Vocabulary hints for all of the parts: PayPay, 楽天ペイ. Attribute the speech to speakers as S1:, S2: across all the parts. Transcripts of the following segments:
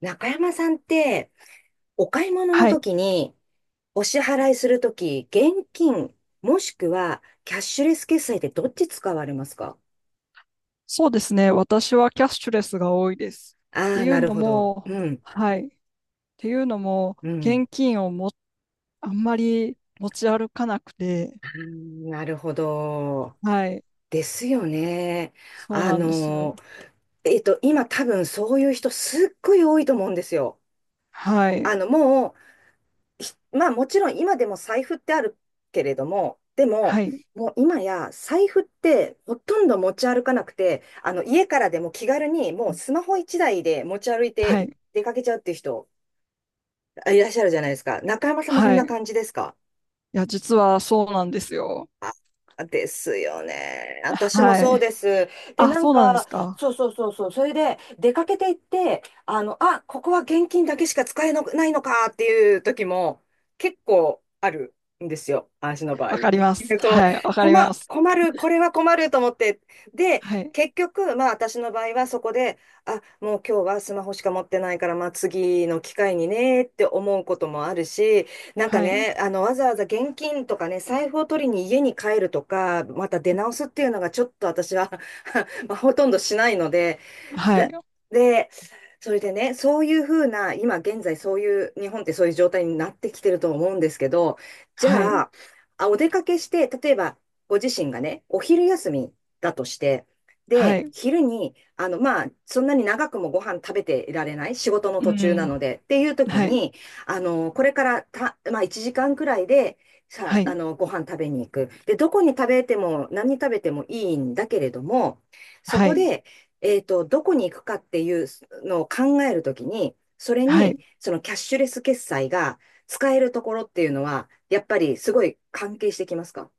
S1: 中山さんって、お買い物の
S2: はい。
S1: 時に、お支払いする時、現金、もしくはキャッシュレス決済ってどっち使われますか？
S2: そうですね。私はキャッシュレスが多いです。っ
S1: あ
S2: て
S1: あー、
S2: い
S1: な
S2: う
S1: る
S2: の
S1: ほど。
S2: も、
S1: うん、
S2: はい。っていうのも、
S1: うん。
S2: 現金をあんまり持ち歩かなくて、
S1: あー、なるほど。
S2: はい。
S1: ですよね。
S2: そう
S1: あ
S2: なんです。
S1: の、今多分そういう人すっごい多いと思うんですよ。
S2: はい。
S1: もうまあもちろん今でも財布ってあるけれども、でも、
S2: はい。
S1: もう今や財布ってほとんど持ち歩かなくて、家からでも気軽にもうスマホ一台で持ち歩い
S2: は
S1: て
S2: い。
S1: 出かけちゃうっていう人いらっしゃるじゃないですか。中山さんもそん
S2: は
S1: な
S2: い。い
S1: 感じですか？
S2: や、実はそうなんですよ。
S1: ですよね。私も
S2: は
S1: そう
S2: い。
S1: です。で、
S2: あ、
S1: なん
S2: そうなんで
S1: か、
S2: すか。
S1: そうそうそうそう。それで、出かけていって、あ、ここは現金だけしか使えのないのかっていう時も結構あるんですよ。私の場合。
S2: わかります。
S1: そう、
S2: はい。わか
S1: 困、
S2: ります。
S1: 困る、これは困ると思って。で、
S2: はい。
S1: 結局、まあ私の場合はそこで、あ、もう今日はスマホしか持ってないから、まあ次の機会にねって思うこともあるし、なんか
S2: はい。
S1: ね、わざわざ現金とかね、財布を取りに家に帰るとか、また出直すっていうのがちょっと私は まあ、ほとんどしないので、
S2: はい。
S1: だで、それでね、そういうふうな、今現在そういう、日本ってそういう状態になってきてると思うんですけど、じ
S2: は
S1: ゃ
S2: い。
S1: あ、あ、お出かけして、例えばご自身がね、お昼休みだとして、
S2: は
S1: で、
S2: い。
S1: 昼に、まあ、そんなに長くもご飯食べていられない、仕事の
S2: う
S1: 途中なの
S2: ん。
S1: で、っていう時
S2: はい。
S1: に、これからまあ、1時間くらいで、さ、
S2: は
S1: あ
S2: い。
S1: の、ご飯食べに行く。で、どこに食べても、何食べてもいいんだけれども、そ
S2: は
S1: こ
S2: い。
S1: で、どこに行くかっていうのを考えるときに、それ
S2: は
S1: に、
S2: い。
S1: そのキャッシュレス決済が使えるところっていうのは、やっぱりすごい関係してきますか？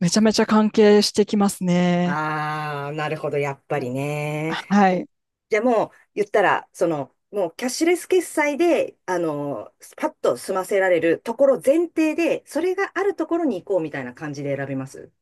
S2: めちゃめちゃ関係してきますね。
S1: ああー、なるほど、やっぱりね。
S2: はい。
S1: じゃあもう、言ったら、その、もうキャッシュレス決済で、パッと済ませられるところ前提で、それがあるところに行こうみたいな感じで選びます。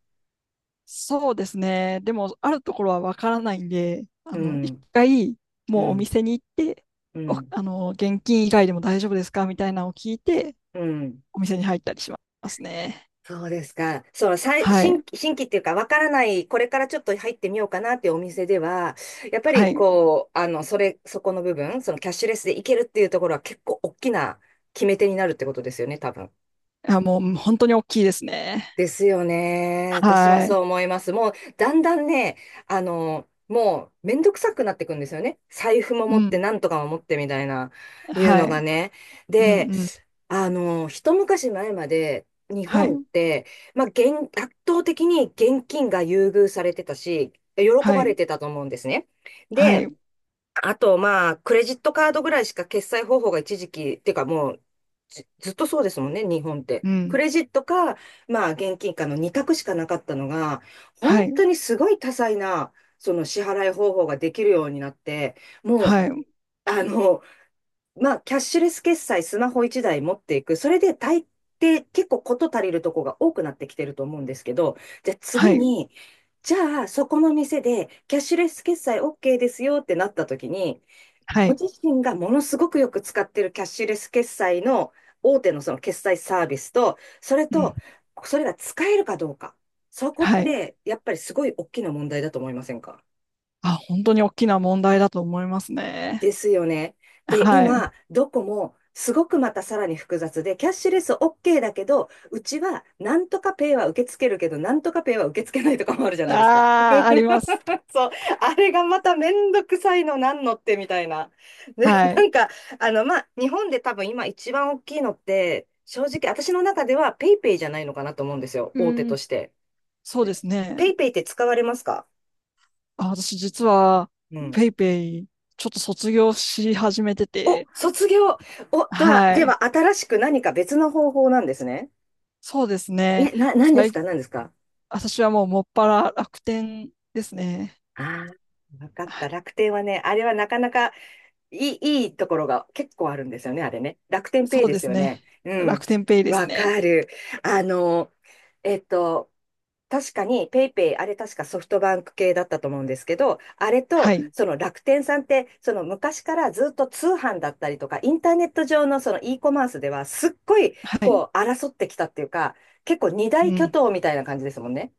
S2: そうですね。でも、あるところはわからないんで、あ
S1: う
S2: の、一
S1: ん、
S2: 回、
S1: う
S2: もうお
S1: ん、
S2: 店に行って、
S1: う
S2: お、
S1: ん、
S2: あの、現金以外でも大丈夫ですかみたいなのを聞いて、
S1: うん。
S2: お店に入ったりしますね。
S1: そうですか。その
S2: はい。
S1: 新規っていうか、わからない、これからちょっと入ってみようかなっていうお店では、やっぱ
S2: は
S1: り
S2: い。
S1: こう、そこの部分、そのキャッシュレスでいけるっていうところは結構大きな決め手になるってことですよね、多分。
S2: あ、もう、本当に大きいですね。
S1: ですよね。私も
S2: は
S1: そ
S2: い。
S1: う思います。もう、だんだんね、もう、めんどくさくなってくんですよね。財布も持
S2: う
S1: って、
S2: ん。
S1: なんとかも持ってみたいな、いう
S2: は
S1: のが
S2: い。
S1: ね。
S2: うん、う
S1: で、
S2: ん。
S1: 一昔前まで、日
S2: は
S1: 本っ
S2: い。
S1: て、まあ、圧倒的に現金が優遇されてたし、喜
S2: は
S1: ばれ
S2: い。
S1: てたと思うんですね。
S2: は
S1: で、
S2: い。
S1: あと、まあ、クレジットカードぐらいしか決済方法が一時期、っていうかもう、ずっとそうですもんね、日本って。
S2: う
S1: ク
S2: ん。
S1: レジットか、まあ、現金かの二択しかなかったのが、
S2: は
S1: 本
S2: い。
S1: 当にすごい多彩な、その支払い方法ができるようになって、もう、
S2: はい。
S1: あの、まあ、キャッシュレス決済、スマホ一台持っていく。それで大抵結構事足りるとこが多くなってきてると思うんですけど、じゃあ
S2: は
S1: 次
S2: い。
S1: に、じゃあ、そこの店で、キャッシュレス決済 OK ですよってなった時に、
S2: は
S1: ご
S2: い。
S1: 自身がものすごくよく使ってるキャッシュレス決済の大手のその決済サービスと、それ
S2: うん。
S1: と、それが使えるかどうか。そこっ
S2: はい。
S1: て、やっぱりすごい大きな問題だと思いませんか？
S2: あ、本当に大きな問題だと思いますね。
S1: ですよね。で、
S2: はい。
S1: 今、どこもすごくまたさらに複雑で、キャッシュレス OK だけど、うちはなんとかペイは受け付けるけど、なんとかペイは受け付けないとかもあるじゃないですか。
S2: ああ、あります。
S1: そう、あれがまためんどくさいのなんのってみたいな。で、
S2: は
S1: な
S2: い。
S1: んか、まあ、日本で多分今一番大きいのって、正直私の中ではペイペイじゃないのかなと思うんですよ、
S2: う
S1: 大手と
S2: ん、
S1: して。
S2: そうですね。
S1: ペイペイって使われますか？
S2: あ、私実は、
S1: うん。
S2: ペイペイ、ちょっと卒業し始めて
S1: お、
S2: て、
S1: 卒業。お、とは、
S2: は
S1: で
S2: い。
S1: は、新しく何か別の方法なんですね。
S2: そうです
S1: え、
S2: ね。
S1: 何です
S2: 最
S1: か何ですか？
S2: 私はもうもっぱら楽天ですね。
S1: ああー、わかっ
S2: は
S1: た。
S2: い。
S1: 楽天はね、あれはなかなかいいところが結構あるんですよね、あれね。楽天ペイ
S2: そう
S1: で
S2: で
S1: す
S2: す
S1: よ
S2: ね。
S1: ね。う
S2: 楽
S1: ん。
S2: 天ペイです
S1: わ
S2: ね。
S1: かる。あの、えっと、確かにペイペイ、あれ確かソフトバンク系だったと思うんですけど、あれ
S2: は
S1: と、
S2: い。
S1: その楽天さんって、その昔からずっと通販だったりとか、インターネット上のその e コマースでは、すっごい、
S2: はい。
S1: こう、争ってきたっていうか、結構二大
S2: う
S1: 巨
S2: ん。
S1: 頭みたいな感じですもんね。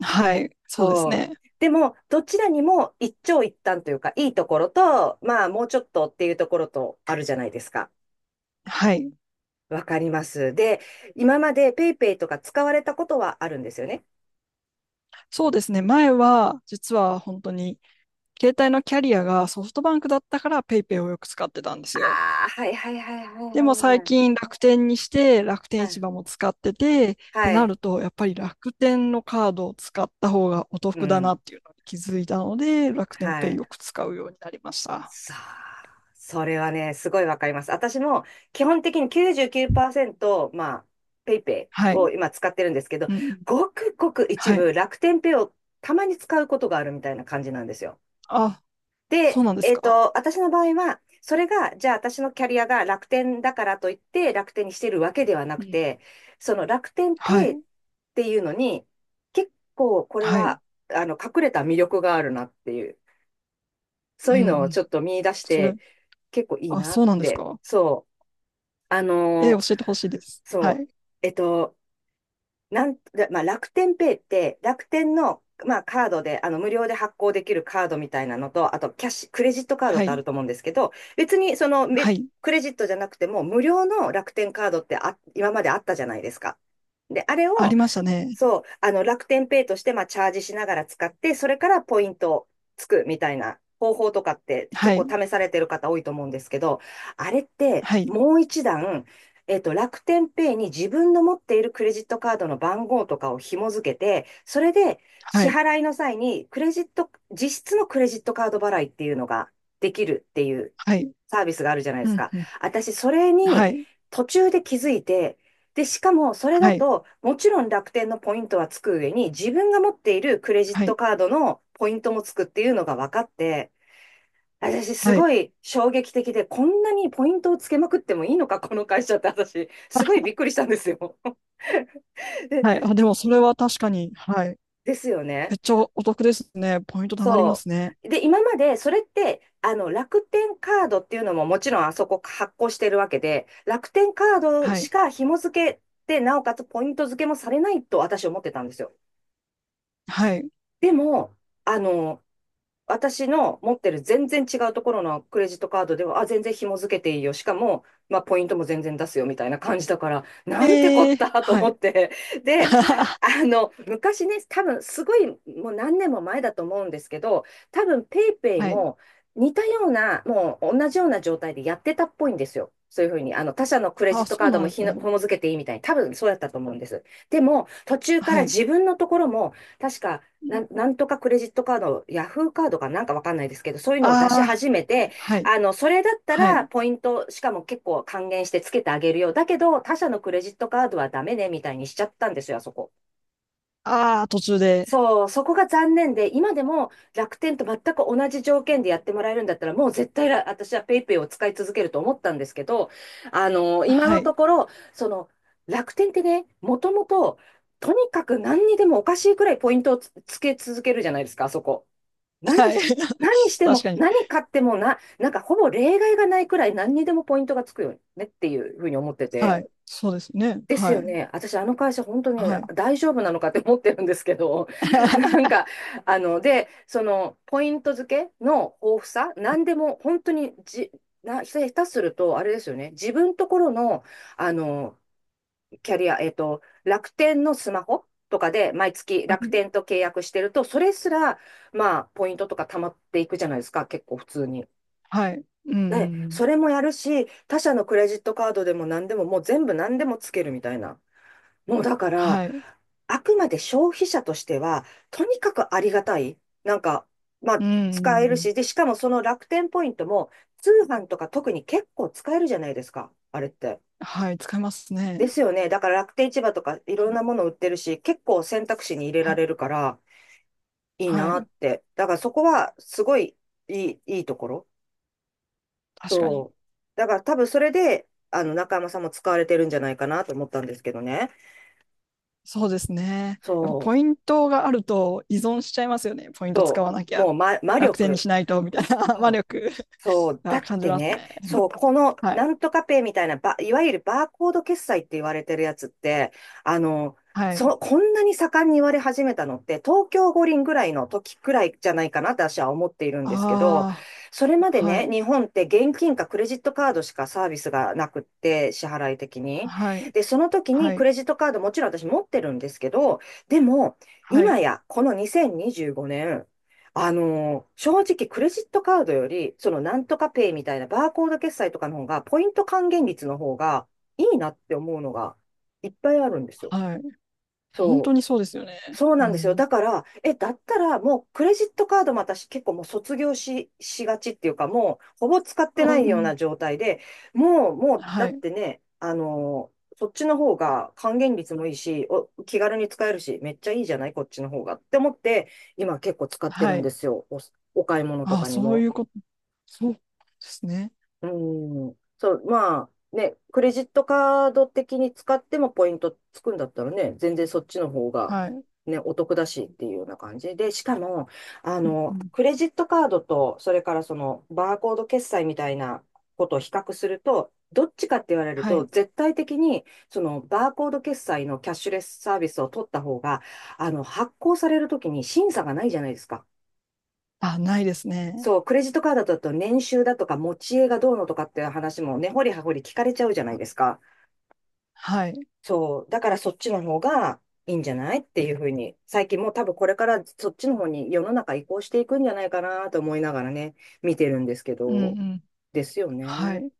S2: はい。そうです
S1: そう。
S2: ね。
S1: でも、どちらにも一長一短というか、いいところと、まあ、もうちょっとっていうところとあるじゃないですか。
S2: はい。
S1: わかります。で、今までペイペイとか使われたことはあるんですよね。
S2: そうですね。前は、実は本当に、携帯のキャリアがソフトバンクだったからペイペイをよく使ってたんですよ。
S1: ああ、はいはいはいはい
S2: でも最
S1: はい
S2: 近楽天にして楽
S1: は
S2: 天
S1: い。は
S2: 市
S1: い。
S2: 場も使っててっ
S1: は
S2: てな
S1: い。
S2: るとやっぱり楽天のカードを使った方がお
S1: う
S2: 得だな
S1: ん。
S2: っていうのに気づいたので楽天
S1: は
S2: ペイ
S1: い。
S2: よく使うようになりました。
S1: さあ、それはね、すごいわかります。私も基本的に99%、まあ、ペイペ
S2: は
S1: イを
S2: い。
S1: 今使ってるんですけど、
S2: うんうん。
S1: ごくごく一
S2: はい。
S1: 部楽天ペイをたまに使うことがあるみたいな感じなんですよ。
S2: あ、そ
S1: で、
S2: うなんですか。
S1: 私の場合は、それが、じゃあ私のキャリアが楽天だからといって楽天にしてるわけではな
S2: う
S1: く
S2: ん。
S1: て、その楽天ペ
S2: は
S1: イっ
S2: い。
S1: ていうのに、結構これ
S2: はい。
S1: は、隠れた魅力があるなっていう、
S2: う
S1: そう
S2: ん
S1: いう
S2: う
S1: のをち
S2: ん。
S1: ょっと見出し
S2: それ、
S1: て、結構いい
S2: あ、
S1: な
S2: そ
S1: っ
S2: うなんです
S1: て。
S2: か。
S1: そう。あ
S2: え
S1: の
S2: ー、
S1: ー
S2: 教えてほしいです。
S1: そ
S2: は
S1: う。
S2: い。
S1: えっと、なんと、でまあ、楽天ペイって、楽天の、まあ、カードで、無料で発行できるカードみたいなのと、あと、キャッシュ、クレジットカードっ
S2: は
S1: てあ
S2: い。
S1: ると思うんですけど、別に、その、
S2: はい。
S1: クレジットじゃなくても、無料の楽天カードってあ、今まであったじゃないですか。で、あれ
S2: あり
S1: を、
S2: ましたね。
S1: そう、楽天ペイとして、まあ、チャージしながら使って、それからポイントをつくみたいな方法とかって結
S2: は
S1: 構
S2: い。
S1: 試されてる方多いと思うんですけど、あれって
S2: はい。
S1: もう一段、楽天ペイに自分の持っているクレジットカードの番号とかを紐付けて、それで
S2: は
S1: 支
S2: い。
S1: 払いの際にクレジット、実質のクレジットカード払いっていうのができるっていう
S2: はい。
S1: サービスがあるじゃないで
S2: う
S1: す
S2: ん
S1: か。
S2: うん。
S1: 私、それに
S2: はい。
S1: 途中で気づいて、で、しかもそれだ
S2: はい。
S1: と、もちろん楽天のポイントはつく上に、自分が持っているクレジッ
S2: はい。
S1: トカードのポイントもつくっていうのが分かって、私す
S2: はい。
S1: ごい衝撃的で、こんなにポイントをつけまくってもいいのか、この会社って私、すごいびっくりしたんですよ。で、
S2: はい。あ、でもそれは確かに、はい。
S1: ですよ
S2: め
S1: ね。
S2: っちゃお得ですね。ポイント貯まりま
S1: そ
S2: すね。
S1: う。で、今までそれって、楽天カードっていうのももちろんあそこ発行してるわけで、楽天カード
S2: は
S1: し
S2: い。
S1: か紐付けて、なおかつポイント付けもされないと私思ってたんですよ。
S2: はい。
S1: でも、あの、私の持ってる全然違うところのクレジットカードでは、あ、全然紐付けていいよ。しかも、まあ、ポイントも全然出すよみたいな感じだから、なんてこ
S2: え
S1: っ
S2: ー、
S1: たと
S2: は
S1: 思
S2: い。
S1: って。で、昔ね、多分すごい、もう何年も前だと思うんですけど、多分ペイペイ
S2: はい。
S1: も似たような、もう同じような状態でやってたっぽいんですよ。そういうふうに、他社のクレジッ
S2: あ、
S1: ト
S2: そ
S1: カ
S2: う
S1: ード
S2: な
S1: も
S2: んですね。
S1: 紐付けていいみたいに、多分そうやったと思うんです。でも、途中か
S2: は
S1: ら
S2: い。
S1: 自分のところも、確か、なんとかクレジットカード、ヤフーカードかなんかわかんないですけど、そういうのを出し
S2: ああ
S1: 始めて、
S2: ー、はい。
S1: それだった
S2: は
S1: ら
S2: い。
S1: ポイント、しかも結構還元してつけてあげるよ。だけど、他社のクレジットカードはダメね、みたいにしちゃったんですよ、あそこ。
S2: ああ、途中で。
S1: そう、そこが残念で、今でも楽天と全く同じ条件でやってもらえるんだったら、もう絶対私はペイペイを使い続けると思ったんですけど、今
S2: は
S1: のと
S2: い。
S1: ころ、その、楽天ってね、もともと、とにかく何にでもおかしいくらいポイントをつつけ続けるじゃないですか、あそこ。何
S2: はい。
S1: し、何し て
S2: 確
S1: も、
S2: かに。
S1: 何買ってもな、なんかほぼ例外がないくらい何にでもポイントがつくよねっていうふうに思って
S2: は
S1: て。
S2: い。そうですね。
S1: です
S2: は
S1: よ
S2: い。
S1: ね。私、あの会社、本当に
S2: はい。
S1: 大丈夫なのかって思ってるんですけど、なん か、あの、で、その、ポイント付けの豊富さ、何でも、本当にじ、な、ひたすると、あれですよね、自分ところの、あの、キャリア、楽天のスマホとかで、毎月
S2: は
S1: 楽
S2: い。
S1: 天と契約してると、それすら、まあ、ポイントとか貯まっていくじゃないですか、結構普通に。
S2: はい。うんう
S1: で、
S2: んうん。
S1: それもやるし、他社のクレジットカードでも何でも、もう全部何でもつけるみたいな。もうだから、
S2: はい。
S1: あくまで消費者としては、とにかくありがたい。なんか、まあ、
S2: うんう
S1: 使え
S2: ん
S1: る
S2: うん。
S1: し、で、しかもその楽天ポイントも、通販とか特に結構使えるじゃないですか、あれって。
S2: はい。使います
S1: で
S2: ね。
S1: すよね。だから楽天市場とかいろ
S2: は
S1: んな
S2: い。
S1: もの売ってるし、結構選択肢に入れら
S2: はい。
S1: れるからいい
S2: は
S1: な
S2: い。
S1: って。だからそこはすごいいいところ。
S2: 確かに。
S1: そう。だから多分それで、中山さんも使われてるんじゃないかなと思ったんですけどね。
S2: そうですね。やっぱ
S1: そ
S2: ポイントがあると依存しちゃいますよね。ポイン
S1: う。
S2: ト使
S1: そ
S2: わなき
S1: う。
S2: ゃ。
S1: もう魔
S2: 楽天に
S1: 力。
S2: しないと、みたいな 魔
S1: そう
S2: 力
S1: そう、だ
S2: が
S1: っ
S2: 感じ
S1: て
S2: ます
S1: ね、
S2: ね。
S1: そう、この
S2: は
S1: な
S2: い。
S1: んとかペイみたいな、いわゆるバーコード決済って言われてるやつって、あの、
S2: はい。
S1: こんなに盛んに言われ始めたのって、東京五輪ぐらいの時くらいじゃないかなって私は思っているんですけど、
S2: あ
S1: それまで
S2: あ、は
S1: ね、
S2: い。
S1: 日本って現金かクレジットカードしかサービスがなくって、支払い的に。
S2: はい。
S1: で、その時に
S2: は
S1: ク
S2: い。
S1: レジットカードもちろん私持ってるんですけど、でも、
S2: は
S1: 今
S2: い。
S1: やこの2025年、あのー、正直クレジットカードより、そのなんとかペイみたいなバーコード決済とかの方が、ポイント還元率の方がいいなって思うのがいっぱいあるんですよ。
S2: はい。本当
S1: そう
S2: にそうですよね。
S1: そうな
S2: う
S1: んですよ。
S2: ん。
S1: だから、え、だったらもうクレジットカードも私結構もう卒業し、しがちっていうか、もうほぼ使っ
S2: う
S1: てな
S2: ん
S1: い
S2: う
S1: よう
S2: ん。
S1: な状態で、もう、だ
S2: は
S1: っ
S2: い。
S1: てね、あのーそっちの方が還元率もいいし、気軽に使えるし、めっちゃいいじゃないこっちの方がって思って、今結構使ってる
S2: は
S1: ん
S2: い。
S1: ですよ。お買い物と
S2: ああ、
S1: かに
S2: そうい
S1: も。
S2: うこと。そうですね。
S1: うん。そう、まあ、ね、クレジットカード的に使ってもポイントつくんだったらね、全然そっちの方が、
S2: はい。う
S1: ね、お得だしっていうような感じで、しかも、
S2: んうん。
S1: クレジットカードと、それからその、バーコード決済みたいなことを比較すると、どっちかって言われる
S2: は
S1: と、
S2: い。
S1: 絶対的に、その、バーコード決済のキャッシュレスサービスを取った方が、発行されるときに審査がないじゃないですか。
S2: あ、ないですね。
S1: そう、クレジットカードだと年収だとか持ち家がどうのとかっていう話もね、ほり聞かれちゃうじゃないですか。
S2: はい。
S1: そう、だからそっちの方がいいんじゃないっていうふうに、最近もう多分これからそっちの方に世の中移行していくんじゃないかなと思いながらね、見てるんですけ
S2: うんう
S1: ど、
S2: ん。
S1: ですよ
S2: は
S1: ね。
S2: い。